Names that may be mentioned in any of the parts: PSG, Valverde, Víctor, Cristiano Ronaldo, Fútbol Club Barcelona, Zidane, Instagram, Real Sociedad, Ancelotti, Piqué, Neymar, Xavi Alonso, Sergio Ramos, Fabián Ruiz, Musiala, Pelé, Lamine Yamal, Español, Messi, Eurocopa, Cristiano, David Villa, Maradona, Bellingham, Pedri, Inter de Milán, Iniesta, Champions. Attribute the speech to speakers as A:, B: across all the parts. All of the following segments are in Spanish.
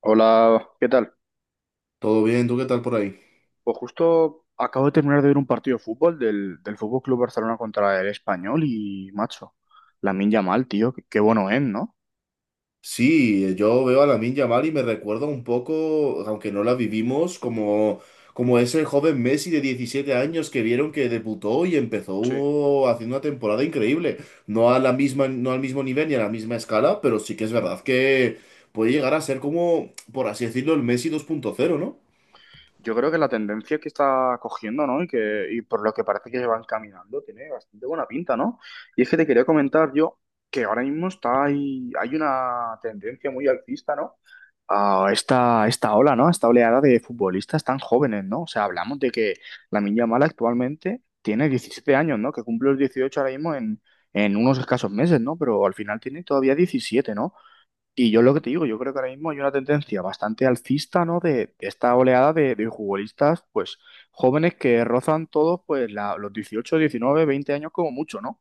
A: Hola, ¿qué tal?
B: Todo bien, ¿tú qué tal por ahí?
A: Pues justo acabo de terminar de ver un partido de fútbol del Fútbol Club Barcelona contra el Español y, macho, Lamine Yamal, tío, qué bueno es, ¿no?
B: Sí, yo veo a Lamine Yamal y me recuerda un poco, aunque no la vivimos, como, como ese joven Messi de 17 años que vieron que debutó y empezó
A: Sí.
B: haciendo una temporada increíble. No a la misma, no al mismo nivel ni a la misma escala, pero sí que es verdad que puede llegar a ser como, por así decirlo, el Messi 2.0, ¿no?
A: Yo creo que la tendencia que está cogiendo, ¿no? Y por lo que parece que van caminando, tiene bastante buena pinta, ¿no? Y es que te quería comentar yo que ahora mismo hay una tendencia muy alcista, ¿no? A esta ola, ¿no? A esta oleada de futbolistas tan jóvenes, ¿no? O sea, hablamos de que la Yamal actualmente tiene 17 años, ¿no? Que cumple los 18 ahora mismo en unos escasos meses, ¿no? Pero al final tiene todavía 17, ¿no? Y yo lo que te digo, yo creo que ahora mismo hay una tendencia bastante alcista, ¿no? De esta oleada de futbolistas, pues jóvenes que rozan todos, pues los 18, 19, 20 años como mucho, ¿no?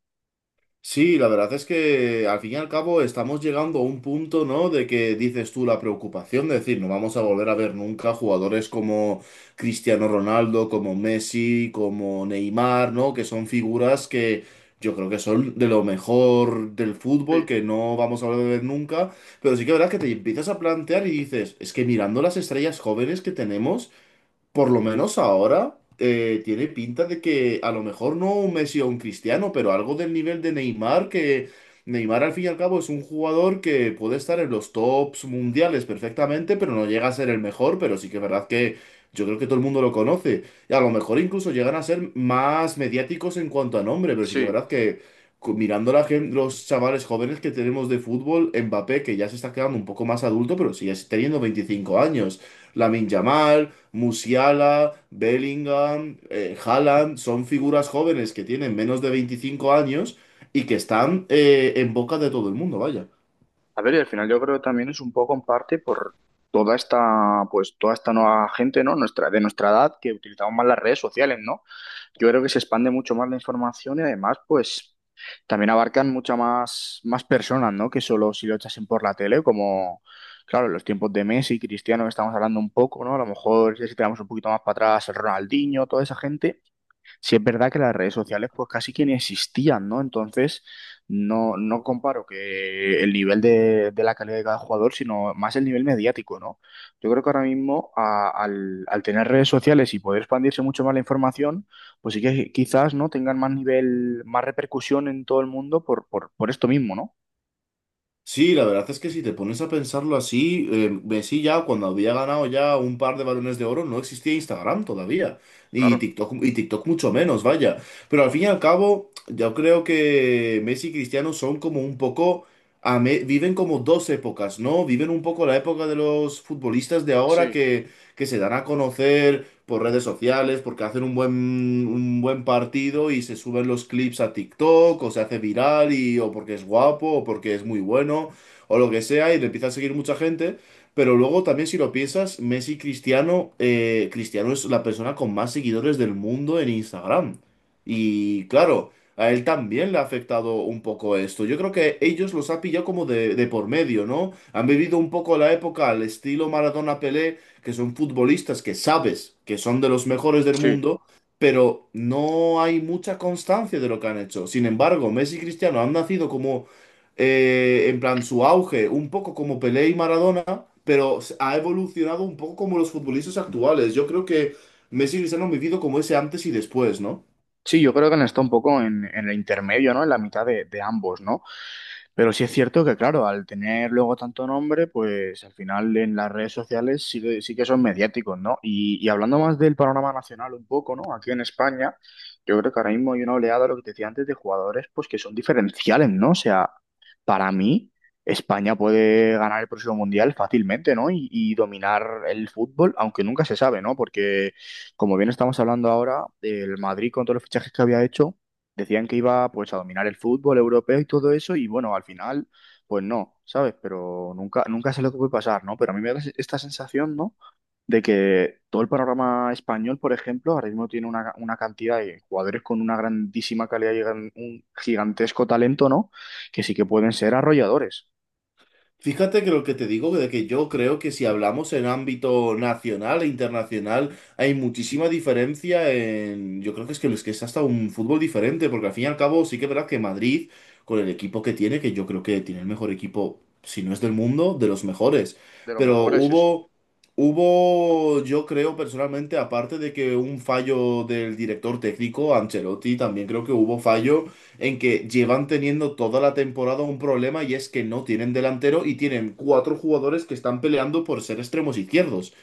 B: Sí, la verdad es que al fin y al cabo estamos llegando a un punto, ¿no? De que dices tú la preocupación de decir, no vamos a volver a ver nunca jugadores como Cristiano Ronaldo, como Messi, como Neymar, ¿no? Que son figuras que yo creo que son de lo mejor del fútbol,
A: Sí,
B: que no vamos a volver a ver nunca. Pero sí que la verdad que te empiezas a plantear y dices, es que mirando las estrellas jóvenes que tenemos. Por lo menos ahora tiene pinta de que a lo mejor no un Messi o un Cristiano, pero algo del nivel de Neymar, que Neymar al fin y al cabo es un jugador que puede estar en los tops mundiales perfectamente, pero no llega a ser el mejor, pero sí que es verdad que yo creo que todo el mundo lo conoce. Y a lo mejor incluso llegan a ser más mediáticos en cuanto a nombre, pero sí que es
A: sí.
B: verdad que mirando la los chavales jóvenes que tenemos de fútbol, Mbappé, que ya se está quedando un poco más adulto, pero sigue teniendo 25 años. Lamine Yamal, Musiala, Bellingham, Haaland, son figuras jóvenes que tienen menos de 25 años y que están en boca de todo el mundo, vaya.
A: A ver, y al final yo creo que también es un poco en parte por toda esta, pues toda esta nueva gente, ¿no? Nuestra, de nuestra edad, que utilizamos más las redes sociales, ¿no? Yo creo que se expande mucho más la información y además, pues también abarcan muchas más personas, ¿no? Que solo si lo echasen por la tele, como, claro, los tiempos de Messi, Cristiano, que estamos hablando un poco, ¿no? A lo mejor si tiramos un poquito más para atrás, el Ronaldinho, toda esa gente. Sí, es verdad que las redes sociales pues casi que ni existían, ¿no? Entonces, no, no comparo que el nivel de la calidad de cada jugador, sino más el nivel mediático, ¿no? Yo creo que ahora mismo al tener redes sociales y poder expandirse mucho más la información, pues sí que quizás, ¿no? Tengan más nivel, más repercusión en todo el mundo por esto mismo, ¿no?
B: Sí, la verdad es que si te pones a pensarlo así, Messi ya cuando había ganado ya un par de balones de oro no existía Instagram todavía,
A: Claro,
B: y TikTok mucho menos, vaya. Pero al fin y al cabo, yo creo que Messi y Cristiano son como un poco, viven como dos épocas, ¿no? Viven un poco la época de los futbolistas de ahora
A: sí,
B: que, se dan a conocer, por redes sociales, porque hacen un buen partido y se suben los clips a TikTok, o se hace viral, y, o porque es guapo, o porque es muy bueno, o lo que sea, y le empieza a seguir mucha gente. Pero luego también si lo piensas, Messi y Cristiano, Cristiano es la persona con más seguidores del mundo en Instagram. Y claro, a él también le ha afectado un poco esto. Yo creo que ellos los ha pillado como de por medio, ¿no? Han vivido un poco la época al estilo Maradona-Pelé, que son futbolistas que sabes que son de los mejores del
A: sí.
B: mundo, pero no hay mucha constancia de lo que han hecho. Sin embargo, Messi y Cristiano han nacido como, en plan, su auge, un poco como Pelé y Maradona, pero ha evolucionado un poco como los futbolistas actuales. Yo creo que Messi y Cristiano han vivido como ese antes y después, ¿no?
A: Sí, yo creo que han estado un poco en el intermedio, ¿no? En la mitad de ambos, ¿no? Pero sí es cierto que, claro, al tener luego tanto nombre, pues al final en las redes sociales sí que son mediáticos, ¿no? Y hablando más del panorama nacional un poco, ¿no? Aquí en España, yo creo que ahora mismo hay una oleada, lo que te decía antes, de jugadores, pues que son diferenciales, ¿no? O sea, para mí, España puede ganar el próximo mundial fácilmente, ¿no? Y dominar el fútbol, aunque nunca se sabe, ¿no? Porque como bien estamos hablando ahora, el Madrid con todos los fichajes que había hecho, decían que iba pues a dominar el fútbol europeo y todo eso, y bueno, al final, pues no, ¿sabes? Pero nunca, nunca sé lo que puede pasar, ¿no? Pero a mí me da esta sensación, ¿no? De que todo el panorama español, por ejemplo, ahora mismo tiene una cantidad de jugadores con una grandísima calidad y un gigantesco talento, ¿no? Que sí que pueden ser arrolladores,
B: Fíjate que lo que te digo, de que yo creo que si hablamos en ámbito nacional e internacional, hay muchísima diferencia en... Yo creo que es que es hasta un fútbol diferente, porque al fin y al cabo sí que es verdad que Madrid, con el equipo que tiene, que yo creo que tiene el mejor equipo, si no es del mundo, de los mejores.
A: de los
B: Pero
A: mejores, sí, sí,
B: hubo, yo creo personalmente, aparte de que un fallo del director técnico, Ancelotti, también creo que hubo fallo en que llevan teniendo toda la temporada un problema y es que no tienen delantero y tienen cuatro jugadores que están peleando por ser extremos izquierdos.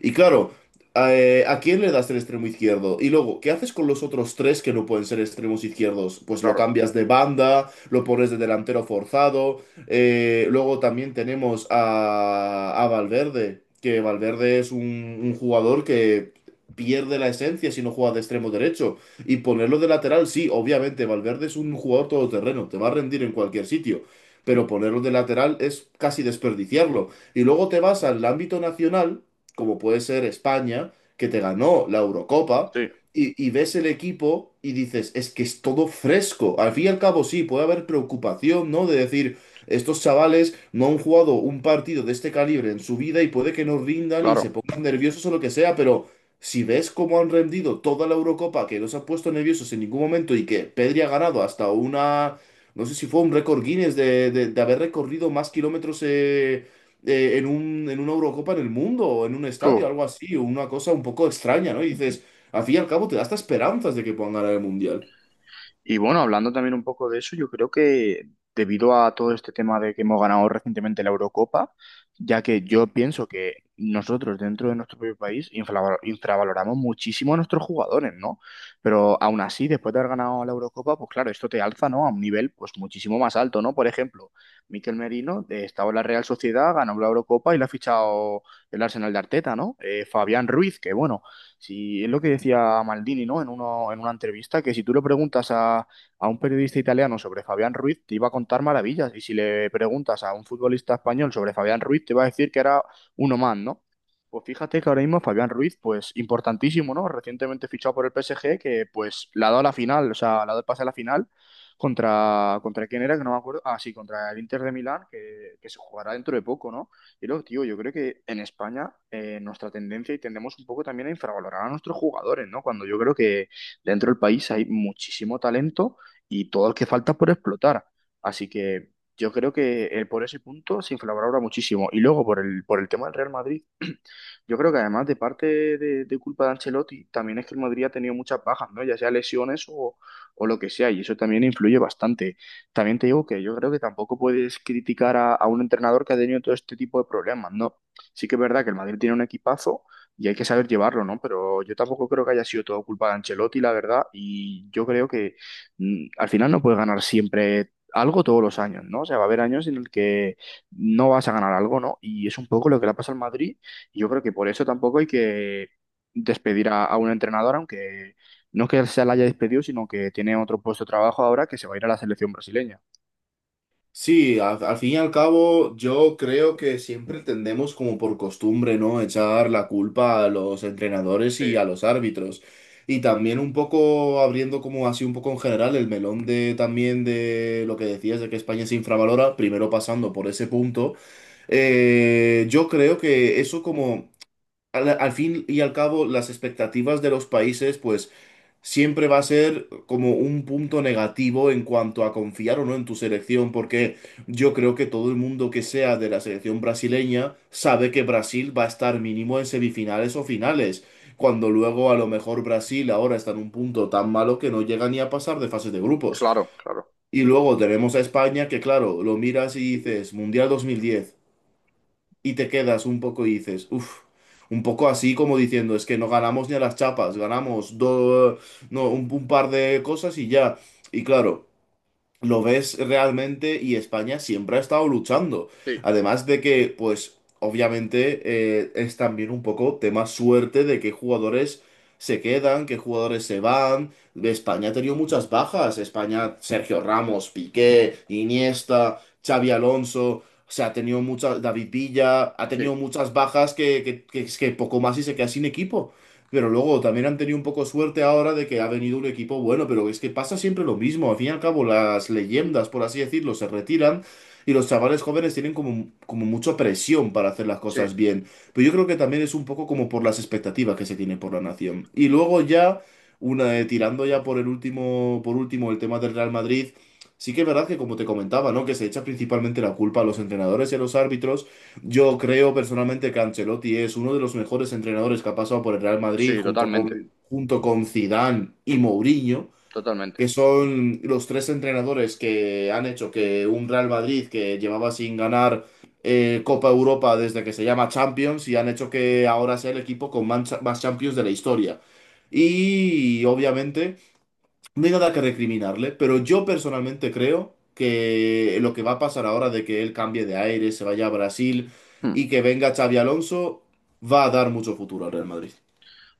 B: Y claro, ¿a quién le das el extremo izquierdo? Y luego, ¿qué haces con los otros tres que no pueden ser extremos izquierdos? Pues lo
A: claro,
B: cambias de banda, lo pones de delantero forzado. Luego también tenemos a, Valverde, que Valverde es un jugador que pierde la esencia si no juega de extremo derecho. Y ponerlo de lateral, sí, obviamente, Valverde es un jugador todoterreno, te va a rendir en cualquier sitio, pero ponerlo de lateral es casi desperdiciarlo. Y luego te vas al ámbito nacional, como puede ser España, que te ganó la Eurocopa,
A: sí,
B: y ves el equipo y dices, es que es todo fresco. Al fin y al cabo, sí, puede haber preocupación, ¿no? De decir, estos chavales no han jugado un partido de este calibre en su vida y puede que no rindan y se
A: claro.
B: pongan nerviosos o lo que sea, pero... Si ves cómo han rendido toda la Eurocopa, que no se han puesto nerviosos en ningún momento y que Pedri ha ganado hasta una, no sé si fue un récord Guinness de, de haber recorrido más kilómetros en una Eurocopa en el mundo o en un
A: Uf.
B: estadio, algo así, o una cosa un poco extraña, ¿no? Y dices, al fin y al cabo te da hasta esperanzas de que puedan ganar el Mundial.
A: Y bueno, hablando también un poco de eso, yo creo que debido a todo este tema de que hemos ganado recientemente la Eurocopa, ya que yo pienso que nosotros dentro de nuestro propio país infravaloramos muchísimo a nuestros jugadores, ¿no? Pero aún así, después de haber ganado la Eurocopa, pues claro, esto te alza, ¿no? A un nivel pues muchísimo más alto, ¿no? Por ejemplo, Mikel Merino estaba en la Real Sociedad, ganó la Eurocopa y le ha fichado el Arsenal de Arteta, ¿no? Fabián Ruiz, que bueno. Si es lo que decía Maldini, ¿no? En una entrevista, que si tú le preguntas a, un periodista italiano sobre Fabián Ruiz, te iba a contar maravillas. Y si le preguntas a un futbolista español sobre Fabián Ruiz, te va a decir que era uno más, ¿no? Pues fíjate que ahora mismo Fabián Ruiz, pues importantísimo, ¿no? Recientemente fichado por el PSG, que pues le ha dado la final, o sea, le ha dado el pase a la final contra quién era, que no me acuerdo. Ah, sí, contra el Inter de Milán, que se jugará dentro de poco, ¿no? Y luego, tío, yo creo que en España nuestra tendencia y tendemos un poco también a infravalorar a nuestros jugadores, ¿no? Cuando yo creo que dentro del país hay muchísimo talento y todo el que falta por explotar. Así que yo creo que por ese punto se infravalora muchísimo. Y luego por el, tema del Real Madrid. Yo creo que además de parte de culpa de Ancelotti, también es que el Madrid ha tenido muchas bajas, ¿no? Ya sea lesiones o lo que sea, y eso también influye bastante. También te digo que yo creo que tampoco puedes criticar a un entrenador que ha tenido todo este tipo de problemas, ¿no? Sí que es verdad que el Madrid tiene un equipazo y hay que saber llevarlo, ¿no? Pero yo tampoco creo que haya sido todo culpa de Ancelotti, la verdad, y yo creo que al final no puedes ganar siempre algo todos los años, ¿no? O sea, va a haber años en el que no vas a ganar algo, ¿no? Y es un poco lo que le pasa al Madrid, yo creo que por eso tampoco hay que despedir a, un entrenador, aunque no es que se la haya despedido, sino que tiene otro puesto de trabajo ahora que se va a ir a la selección brasileña.
B: Sí, al fin y al cabo, yo creo que siempre tendemos como por costumbre, ¿no? Echar la culpa a los entrenadores
A: Sí,
B: y a los árbitros. Y también un poco abriendo como así un poco en general el melón de también de lo que decías de que España se infravalora, primero pasando por ese punto, yo creo que eso como al fin y al cabo las expectativas de los países pues siempre va a ser como un punto negativo en cuanto a confiar o no en tu selección, porque yo creo que todo el mundo que sea de la selección brasileña sabe que Brasil va a estar mínimo en semifinales o finales, cuando luego a lo mejor Brasil ahora está en un punto tan malo que no llega ni a pasar de fases de grupos.
A: claro, claro.
B: Y luego tenemos a España que claro, lo miras y dices, Mundial 2010 y te quedas un poco y dices, uff, un poco así como diciendo, es que no ganamos ni a las chapas, ganamos do- no, un par de cosas y ya. Y claro lo ves realmente y España siempre ha estado luchando.
A: Sí,
B: Además de que, pues, obviamente es también un poco tema suerte de qué jugadores se quedan, qué jugadores se van. España ha tenido muchas bajas. España, Sergio Ramos, Piqué, Iniesta, Xavi Alonso. O sea, ha tenido muchas, David Villa, ha
A: sí,
B: tenido muchas bajas es que poco más y se queda sin equipo. Pero luego también han tenido un poco suerte ahora de que ha venido un equipo bueno, pero es que pasa siempre lo mismo. Al fin y al cabo, las leyendas, por así decirlo, se retiran y los chavales jóvenes tienen como, como mucha presión para hacer las
A: sí,
B: cosas bien. Pero yo creo que también es un poco como por las expectativas que se tienen por la nación. Y luego ya, tirando ya por el último, por último, el tema del Real Madrid. Sí que es verdad que, como te comentaba, ¿no? Que se echa principalmente la culpa a los entrenadores y a los árbitros. Yo creo personalmente que Ancelotti es uno de los mejores entrenadores que ha pasado por el Real Madrid
A: sí,
B: junto
A: totalmente,
B: con, junto con Zidane y Mourinho, que
A: totalmente.
B: son los tres entrenadores que han hecho que un Real Madrid que llevaba sin ganar Copa Europa desde que se llama Champions y han hecho que ahora sea el equipo con mancha- más Champions de la historia. Y obviamente... No hay nada que recriminarle, pero yo personalmente creo que lo que va a pasar ahora de que él cambie de aire, se vaya a Brasil
A: Hmm.
B: y que venga Xavi Alonso, va a dar mucho futuro al Real Madrid.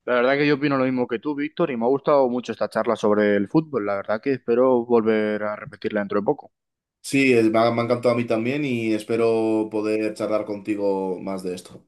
A: La verdad que yo opino lo mismo que tú, Víctor, y me ha gustado mucho esta charla sobre el fútbol. La verdad que espero volver a repetirla dentro de poco.
B: Sí, me ha encantado a mí también y espero poder charlar contigo más de esto.